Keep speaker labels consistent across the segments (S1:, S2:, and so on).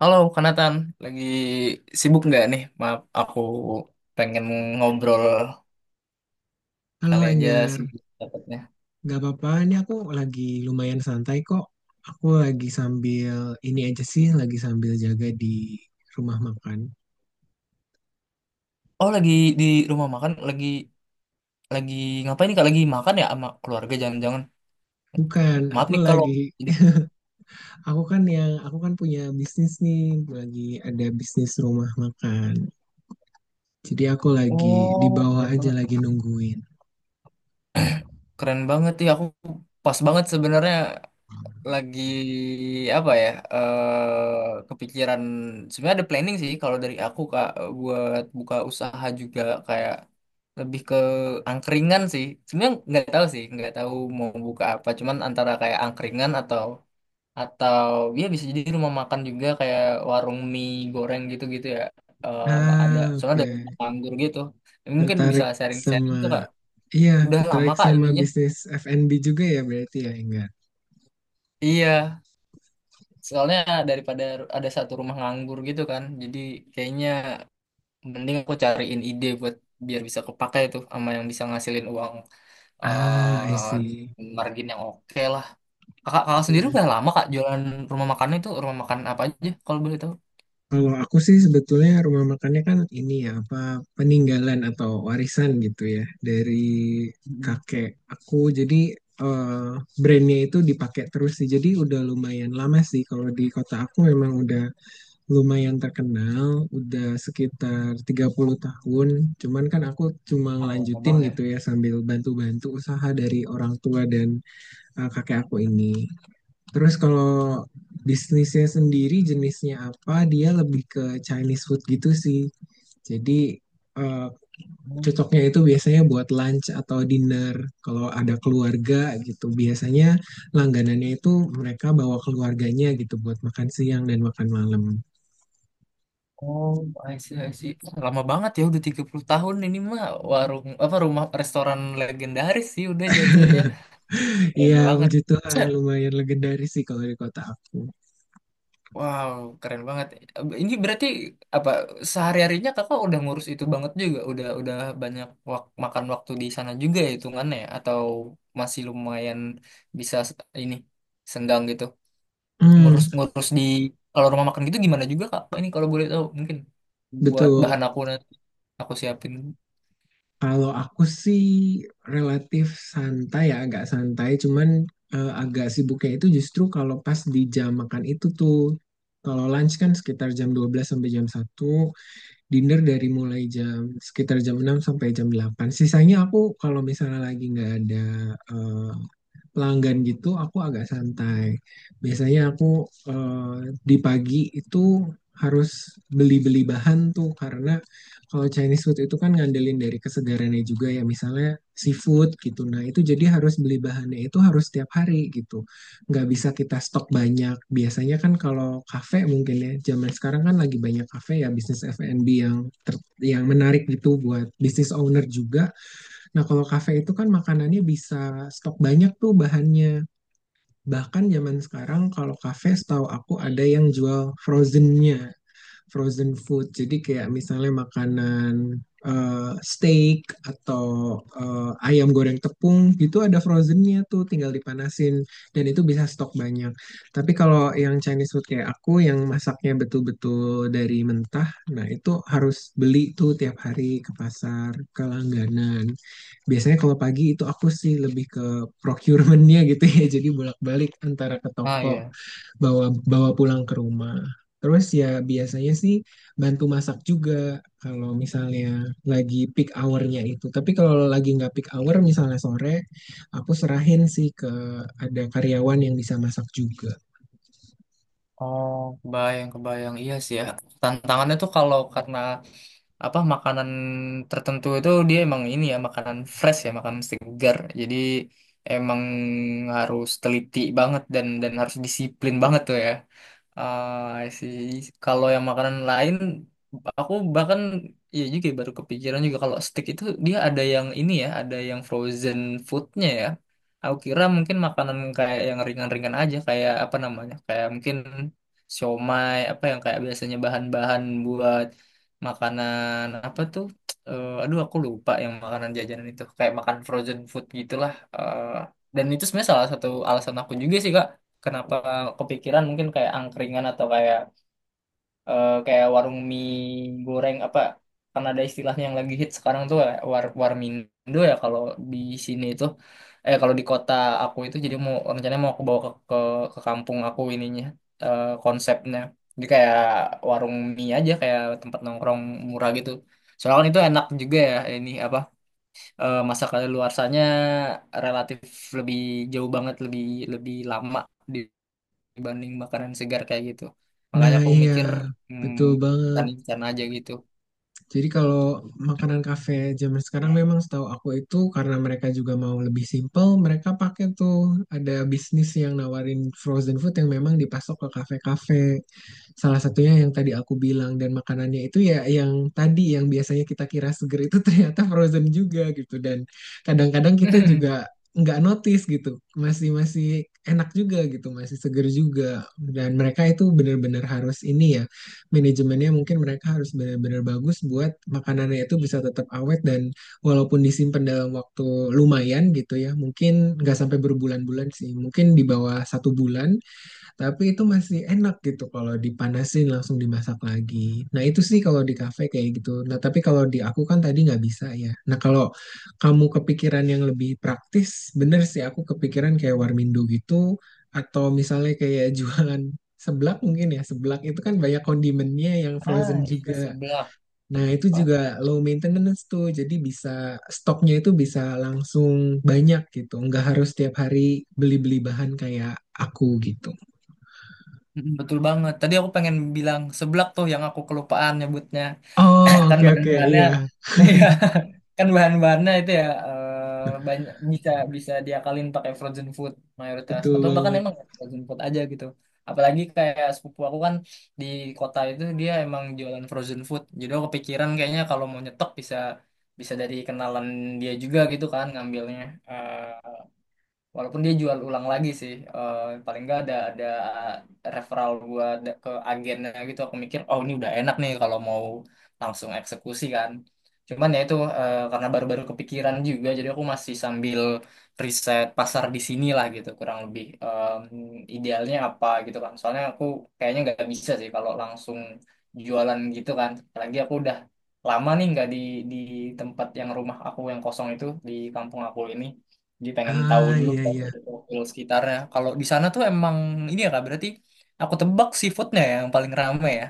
S1: Halo, Kanatan. Lagi sibuk nggak nih? Maaf, aku pengen ngobrol.
S2: Halo
S1: Kali aja
S2: Enggar,
S1: sibuk dapatnya.
S2: nggak apa-apa. Ini aku lagi lumayan santai kok. Aku lagi sambil ini aja sih, lagi sambil jaga di rumah makan.
S1: Oh, lagi di rumah makan. Lagi ngapain nih, Kak? Lagi makan ya sama keluarga? Jangan-jangan.
S2: Bukan,
S1: Maaf
S2: aku
S1: nih kalau
S2: lagi,
S1: jadi...
S2: aku kan yang, aku kan punya bisnis nih, lagi ada bisnis rumah makan. Jadi aku lagi di
S1: Oh,
S2: bawah
S1: keren
S2: aja
S1: banget.
S2: lagi nungguin.
S1: Keren banget. Ya, aku pas banget sebenarnya. Lagi apa ya, eh kepikiran sebenarnya ada planning sih kalau dari aku kak, buat buka usaha juga, kayak lebih ke angkringan sih sebenarnya. Nggak tahu sih, nggak tahu mau buka apa, cuman antara kayak angkringan atau atau ya bisa jadi rumah makan juga kayak warung mie goreng gitu gitu ya. Eh ada
S2: Ah,
S1: soalnya, ada rumah
S2: oke.
S1: anggur gitu, mungkin bisa
S2: Tertarik
S1: sharing-sharing
S2: sama,
S1: tuh kak,
S2: iya,
S1: udah lama
S2: tertarik
S1: kak
S2: sama
S1: ininya.
S2: bisnis F&B juga ya berarti ya Enggar?
S1: Iya. Soalnya daripada ada satu rumah nganggur gitu kan, jadi kayaknya mending aku cariin ide buat biar bisa kepakai tuh sama yang bisa ngasilin uang,
S2: Ah, I
S1: eh
S2: see.
S1: margin yang oke lah. Kakak, kakak sendiri
S2: Hmm.
S1: udah lama kak jualan rumah makan itu, rumah makan apa aja kalau boleh tahu?
S2: Kalau aku sih sebetulnya rumah makannya kan ini ya apa peninggalan atau warisan gitu ya dari
S1: Mm.
S2: kakek aku. Jadi eh, brandnya itu dipakai terus sih. Jadi udah lumayan lama sih. Kalau di kota aku memang udah lumayan terkenal, udah sekitar tiga puluh
S1: Oh,
S2: tahun. Cuman kan aku cuma
S1: oh, lama
S2: ngelanjutin
S1: banget ya.
S2: gitu ya sambil bantu-bantu usaha dari orang tua dan kakek aku ini. Terus kalau bisnisnya sendiri jenisnya apa, dia lebih ke Chinese food gitu sih. Jadi eh,
S1: Hmm.
S2: cocoknya itu biasanya buat lunch atau dinner. Kalau ada keluarga gitu, biasanya langganannya itu mereka bawa keluarganya gitu buat makan siang dan makan malam.
S1: Oh, I see, I see. Lama banget ya, udah 30 tahun ini mah warung apa rumah restoran legendaris sih udah jatuhnya. Keren
S2: Iya,
S1: banget.
S2: puji Tuhan lumayan legendaris sih kalau di kota aku.
S1: Wow, keren banget. Ini berarti apa, sehari-harinya kakak udah ngurus itu banget juga, udah banyak wak- makan waktu di sana juga ya hitungannya ya? Atau masih lumayan bisa s- ini senggang gitu.
S2: Hmm,
S1: Ngurus-ngurus di kalau rumah makan gitu gimana juga kak? Ini kalau boleh tahu mungkin buat
S2: betul.
S1: bahan aku nanti aku siapin.
S2: Kalau aku sih relatif santai ya, agak santai. Cuman agak sibuknya itu justru kalau pas di jam makan itu tuh. Kalau lunch kan sekitar jam 12 sampai jam 1, dinner dari mulai jam sekitar jam 6 sampai jam 8. Sisanya aku kalau misalnya lagi nggak ada eh, pelanggan gitu aku agak santai. Biasanya aku di pagi itu harus beli-beli bahan tuh karena kalau Chinese food itu kan ngandelin dari kesegarannya juga ya misalnya seafood gitu. Nah itu jadi harus beli bahannya itu harus tiap hari gitu. Nggak bisa kita stok banyak. Biasanya kan kalau kafe mungkin ya zaman sekarang kan lagi banyak kafe ya bisnis F&B yang yang menarik gitu buat bisnis owner juga. Nah, kalau kafe itu kan makanannya bisa stok banyak tuh bahannya. Bahkan zaman sekarang kalau kafe setahu aku ada yang jual frozennya frozen food. Jadi kayak misalnya makanan steak atau ayam goreng tepung gitu ada frozennya tuh tinggal dipanasin dan itu bisa stok banyak. Tapi kalau yang Chinese food kayak aku yang masaknya betul-betul dari mentah, nah itu harus beli tuh tiap hari ke pasar, ke langganan. Biasanya kalau pagi itu aku sih lebih ke procurementnya gitu ya, jadi bolak-balik antara ke
S1: Ah
S2: toko
S1: ya.
S2: bawa bawa pulang ke rumah. Terus ya biasanya sih bantu masak juga kalau misalnya lagi peak hour-nya itu. Tapi kalau lagi nggak peak hour misalnya sore, aku serahin sih ke ada karyawan yang bisa masak juga.
S1: Oh, kebayang, kebayang. Iya sih ya. Tantangannya tuh kalau karena apa, makanan tertentu itu dia emang ini ya, makanan fresh ya, makanan segar. Jadi emang harus teliti banget dan harus disiplin banget tuh ya. Ah, sih. Kalau yang makanan lain, aku bahkan ya juga ya, baru kepikiran juga kalau steak itu dia ada yang ini ya, ada yang frozen foodnya ya. Aku kira mungkin makanan kayak yang ringan-ringan aja, kayak apa namanya, kayak mungkin siomay, apa yang kayak biasanya bahan-bahan buat makanan apa tuh? Eh, aduh, aku lupa yang makanan jajanan itu, kayak makan frozen food gitulah. Dan itu sebenarnya salah satu alasan aku juga sih Kak, kenapa kepikiran mungkin kayak angkringan atau kayak kayak warung mie goreng apa, karena ada istilahnya yang lagi hit sekarang tuh kayak war warmindo ya kalau di sini itu, kalau di kota aku itu, jadi mau rencananya mau aku bawa ke ke kampung aku ininya. Konsepnya jadi kayak warung mie aja, kayak tempat nongkrong murah gitu. Soalnya kan itu enak juga ya, ini apa, masa kadaluarsanya relatif lebih jauh banget, lebih lebih lama di dibanding makanan segar kayak gitu. Makanya
S2: Nah
S1: aku
S2: iya
S1: mikir
S2: betul
S1: hmm,
S2: banget.
S1: instan-instan aja gitu.
S2: Jadi kalau makanan kafe zaman sekarang memang setahu aku itu karena mereka juga mau lebih simple, mereka pakai tuh ada bisnis yang nawarin frozen food yang memang dipasok ke kafe-kafe. Salah satunya yang tadi aku bilang dan makanannya itu ya yang tadi yang biasanya kita kira seger itu ternyata frozen juga gitu dan kadang-kadang kita juga nggak notice gitu masih masih enak juga gitu masih seger juga dan mereka itu benar-benar harus ini ya manajemennya mungkin mereka harus benar-benar bagus buat makanannya itu bisa tetap awet dan walaupun disimpan dalam waktu lumayan gitu ya mungkin nggak sampai berbulan-bulan sih mungkin di bawah 1 bulan tapi itu masih enak gitu kalau dipanasin langsung dimasak lagi. Nah itu sih kalau di kafe kayak gitu. Nah tapi kalau di aku kan tadi nggak bisa ya. Nah kalau kamu kepikiran yang lebih praktis, bener sih aku kepikiran kayak warmindo gitu atau misalnya kayak jualan seblak mungkin ya. Seblak itu kan banyak kondimennya yang
S1: Ah,
S2: frozen
S1: iya
S2: juga.
S1: seblak.
S2: Nah itu juga low maintenance tuh. Jadi bisa stoknya itu bisa langsung banyak gitu. Nggak harus tiap hari beli-beli bahan kayak aku gitu.
S1: Mm, betul banget. Tadi aku pengen bilang seblak tuh yang aku kelupaan nyebutnya.
S2: Oh,
S1: Kan
S2: oke oke.
S1: bahan-bahannya
S2: Iya,
S1: kan bahan-bahannya itu ya, banyak bisa bisa diakalin pakai frozen food mayoritas
S2: betul
S1: atau bahkan
S2: banget.
S1: emang frozen food aja gitu. Apalagi kayak sepupu aku kan di kota itu dia emang jualan frozen food, jadi aku kepikiran kayaknya kalau mau nyetok bisa bisa dari kenalan dia juga gitu kan ngambilnya. Eh, Walaupun dia jual ulang lagi sih, paling nggak ada referral gua ada- ke agennya gitu. Aku mikir, oh ini udah enak nih kalau mau langsung eksekusi kan. Cuman ya itu, karena baru-baru kepikiran juga, jadi aku masih sambil riset pasar di sini lah gitu, kurang lebih. Idealnya apa gitu kan. Soalnya aku kayaknya nggak bisa sih kalau langsung jualan gitu kan. Apalagi aku udah lama nih nggak di di tempat yang rumah aku yang kosong itu di kampung aku ini. Jadi pengen tahu
S2: Ah,
S1: dulu
S2: iya iya.
S1: profil-profil sekitarnya. Kalau di sana tuh emang ini ya kak, berarti aku tebak seafoodnya ya yang paling rame ya.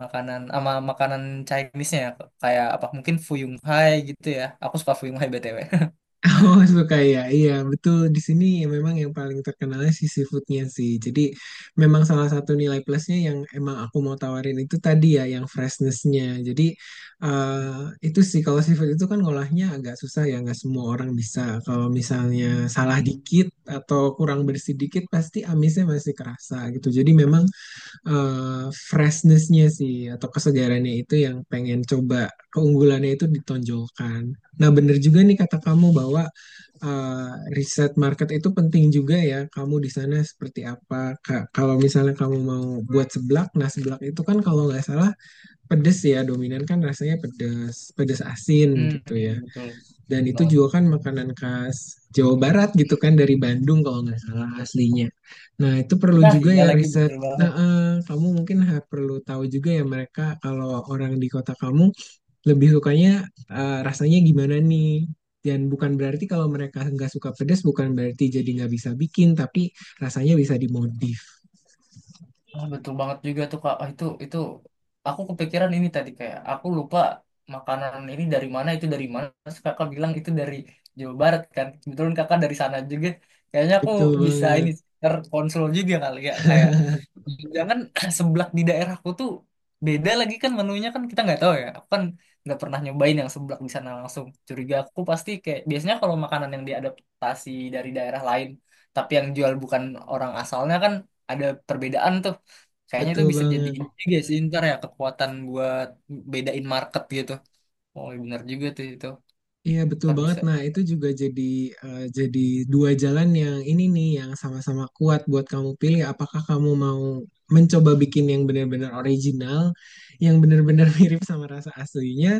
S1: Makanan sama makanan Chinese-nya ya, kayak apa mungkin Fuyung Hai gitu ya. Aku suka Fuyung Hai BTW.
S2: Oh, suka ya. Iya, betul. Di sini memang yang paling terkenalnya si seafoodnya sih. Jadi memang salah satu nilai plusnya yang emang aku mau tawarin itu tadi ya, yang freshnessnya. Jadi eh, itu sih kalau seafood itu kan ngolahnya agak susah ya, nggak semua orang bisa. Kalau misalnya salah dikit atau kurang bersih dikit, pasti amisnya masih kerasa gitu. Jadi memang freshness-nya sih atau kesegarannya itu yang pengen coba keunggulannya itu ditonjolkan. Nah, bener juga nih kata kamu bahwa eh, riset market itu penting juga ya. Kamu di sana seperti apa? Kalau misalnya kamu mau buat seblak, nah seblak itu kan kalau nggak salah pedes ya, dominan kan rasanya pedes, pedes asin
S1: Hmm,
S2: gitu ya.
S1: betul.
S2: Dan
S1: Betul
S2: itu
S1: banget. Tuh.
S2: juga kan makanan khas Jawa Barat gitu kan dari Bandung kalau nggak salah aslinya. Nah itu perlu
S1: Nah,
S2: juga
S1: iya
S2: ya
S1: lagi
S2: riset.
S1: betul
S2: Nah,
S1: banget.
S2: kamu mungkin perlu tahu juga ya mereka kalau orang di kota kamu lebih sukanya rasanya gimana nih. Dan bukan berarti kalau mereka nggak suka pedas bukan berarti jadi nggak bisa bikin tapi rasanya bisa dimodif.
S1: Ah, betul banget juga tuh Kak. Ah, itu aku kepikiran ini tadi kayak aku lupa makanan ini dari mana itu dari mana. Terus Kakak bilang itu dari Jawa Barat kan. Kebetulan Kakak dari sana juga. Kayaknya aku
S2: Betul
S1: bisa ini
S2: banget,
S1: terkonsol juga kali ya, kayak jangan seblak di daerahku tuh beda lagi kan menunya, kan kita nggak tahu ya. Aku kan nggak pernah nyobain yang seblak di sana langsung. Curiga aku pasti kayak biasanya kalau makanan yang diadaptasi dari daerah lain tapi yang jual bukan orang asalnya kan ada perbedaan tuh. Kayaknya
S2: betul
S1: itu bisa jadi
S2: banget.
S1: ini juga sih ntar ya, kekuatan buat bedain market gitu. Oh benar juga tuh itu.
S2: Iya betul
S1: Ntar
S2: banget.
S1: bisa.
S2: Nah, itu juga jadi eh, jadi dua jalan yang ini nih yang sama-sama kuat buat kamu pilih. Apakah kamu mau mencoba bikin yang benar-benar original, yang benar-benar mirip sama rasa aslinya,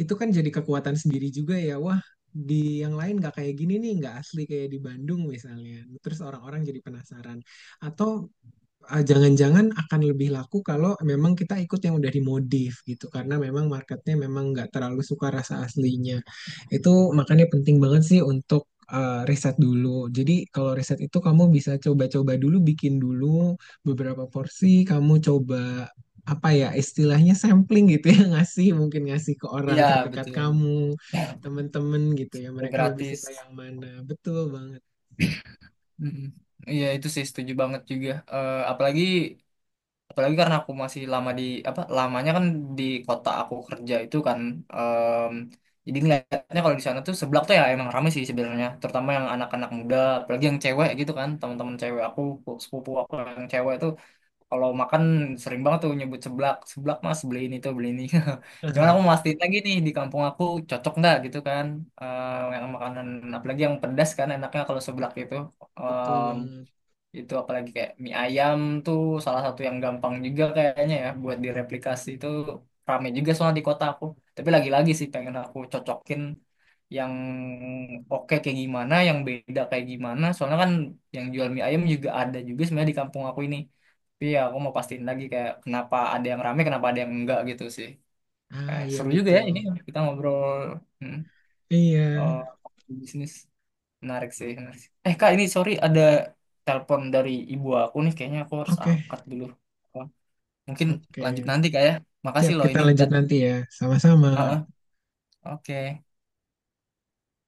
S2: itu kan jadi kekuatan sendiri juga ya. Wah, di yang lain nggak kayak gini nih, nggak asli kayak di Bandung misalnya. Terus orang-orang jadi penasaran. Atau ah, jangan-jangan akan lebih laku kalau memang kita ikut yang udah dimodif gitu karena memang marketnya memang nggak terlalu suka rasa aslinya. Itu makanya penting banget sih untuk riset dulu. Jadi kalau riset itu kamu bisa coba-coba dulu, bikin dulu beberapa porsi, kamu coba apa ya istilahnya sampling gitu ya ngasih mungkin ngasih ke orang
S1: Iya
S2: terdekat
S1: betul.
S2: kamu, temen-temen gitu ya mereka lebih suka
S1: Gratis.
S2: yang mana. Betul banget,
S1: Mm-mm. Iya itu sih setuju banget juga. Apalagi apalagi karena aku masih lama di apa lamanya kan di kota aku kerja itu kan. em, jadi ngeliatnya kalau di sana tuh seblak tuh ya emang rame sih sebenarnya. Terutama yang anak-anak muda, apalagi yang cewek gitu kan. Teman-teman cewek aku, sepupu aku yang cewek tuh kalau makan sering banget tuh nyebut seblak, seblak mas beli ini tuh beli ini. Cuman aku mau mastiin lagi nih di kampung aku cocok nggak gitu kan. Yang makanan apalagi yang pedas kan enaknya kalau seblak itu
S2: betul banget.
S1: itu apalagi kayak mie ayam tuh salah satu yang gampang juga kayaknya ya buat direplikasi itu, rame juga soalnya di kota aku, tapi lagi-lagi sih pengen aku cocokin yang oke kayak gimana, yang beda kayak gimana, soalnya kan yang jual mie ayam juga ada juga sebenarnya di kampung aku ini, tapi ya aku mau pastiin lagi kayak kenapa ada yang rame kenapa ada yang enggak gitu sih.
S2: Ah
S1: Eh,
S2: iya
S1: seru juga ya ini
S2: betul.
S1: kita ngobrol. Hmm,
S2: Iya.
S1: eh bisnis. Menarik sih, menarik sih. Eh, Kak, ini sorry ada telepon dari ibu aku nih. Kayaknya aku harus
S2: Oke,
S1: angkat dulu. Oh, mungkin lanjut
S2: oke.
S1: nanti, Kak ya. Makasih
S2: Siap,
S1: loh
S2: kita
S1: ini
S2: lanjut
S1: tadi.
S2: nanti ya. Sama-sama.
S1: Heeh, oke.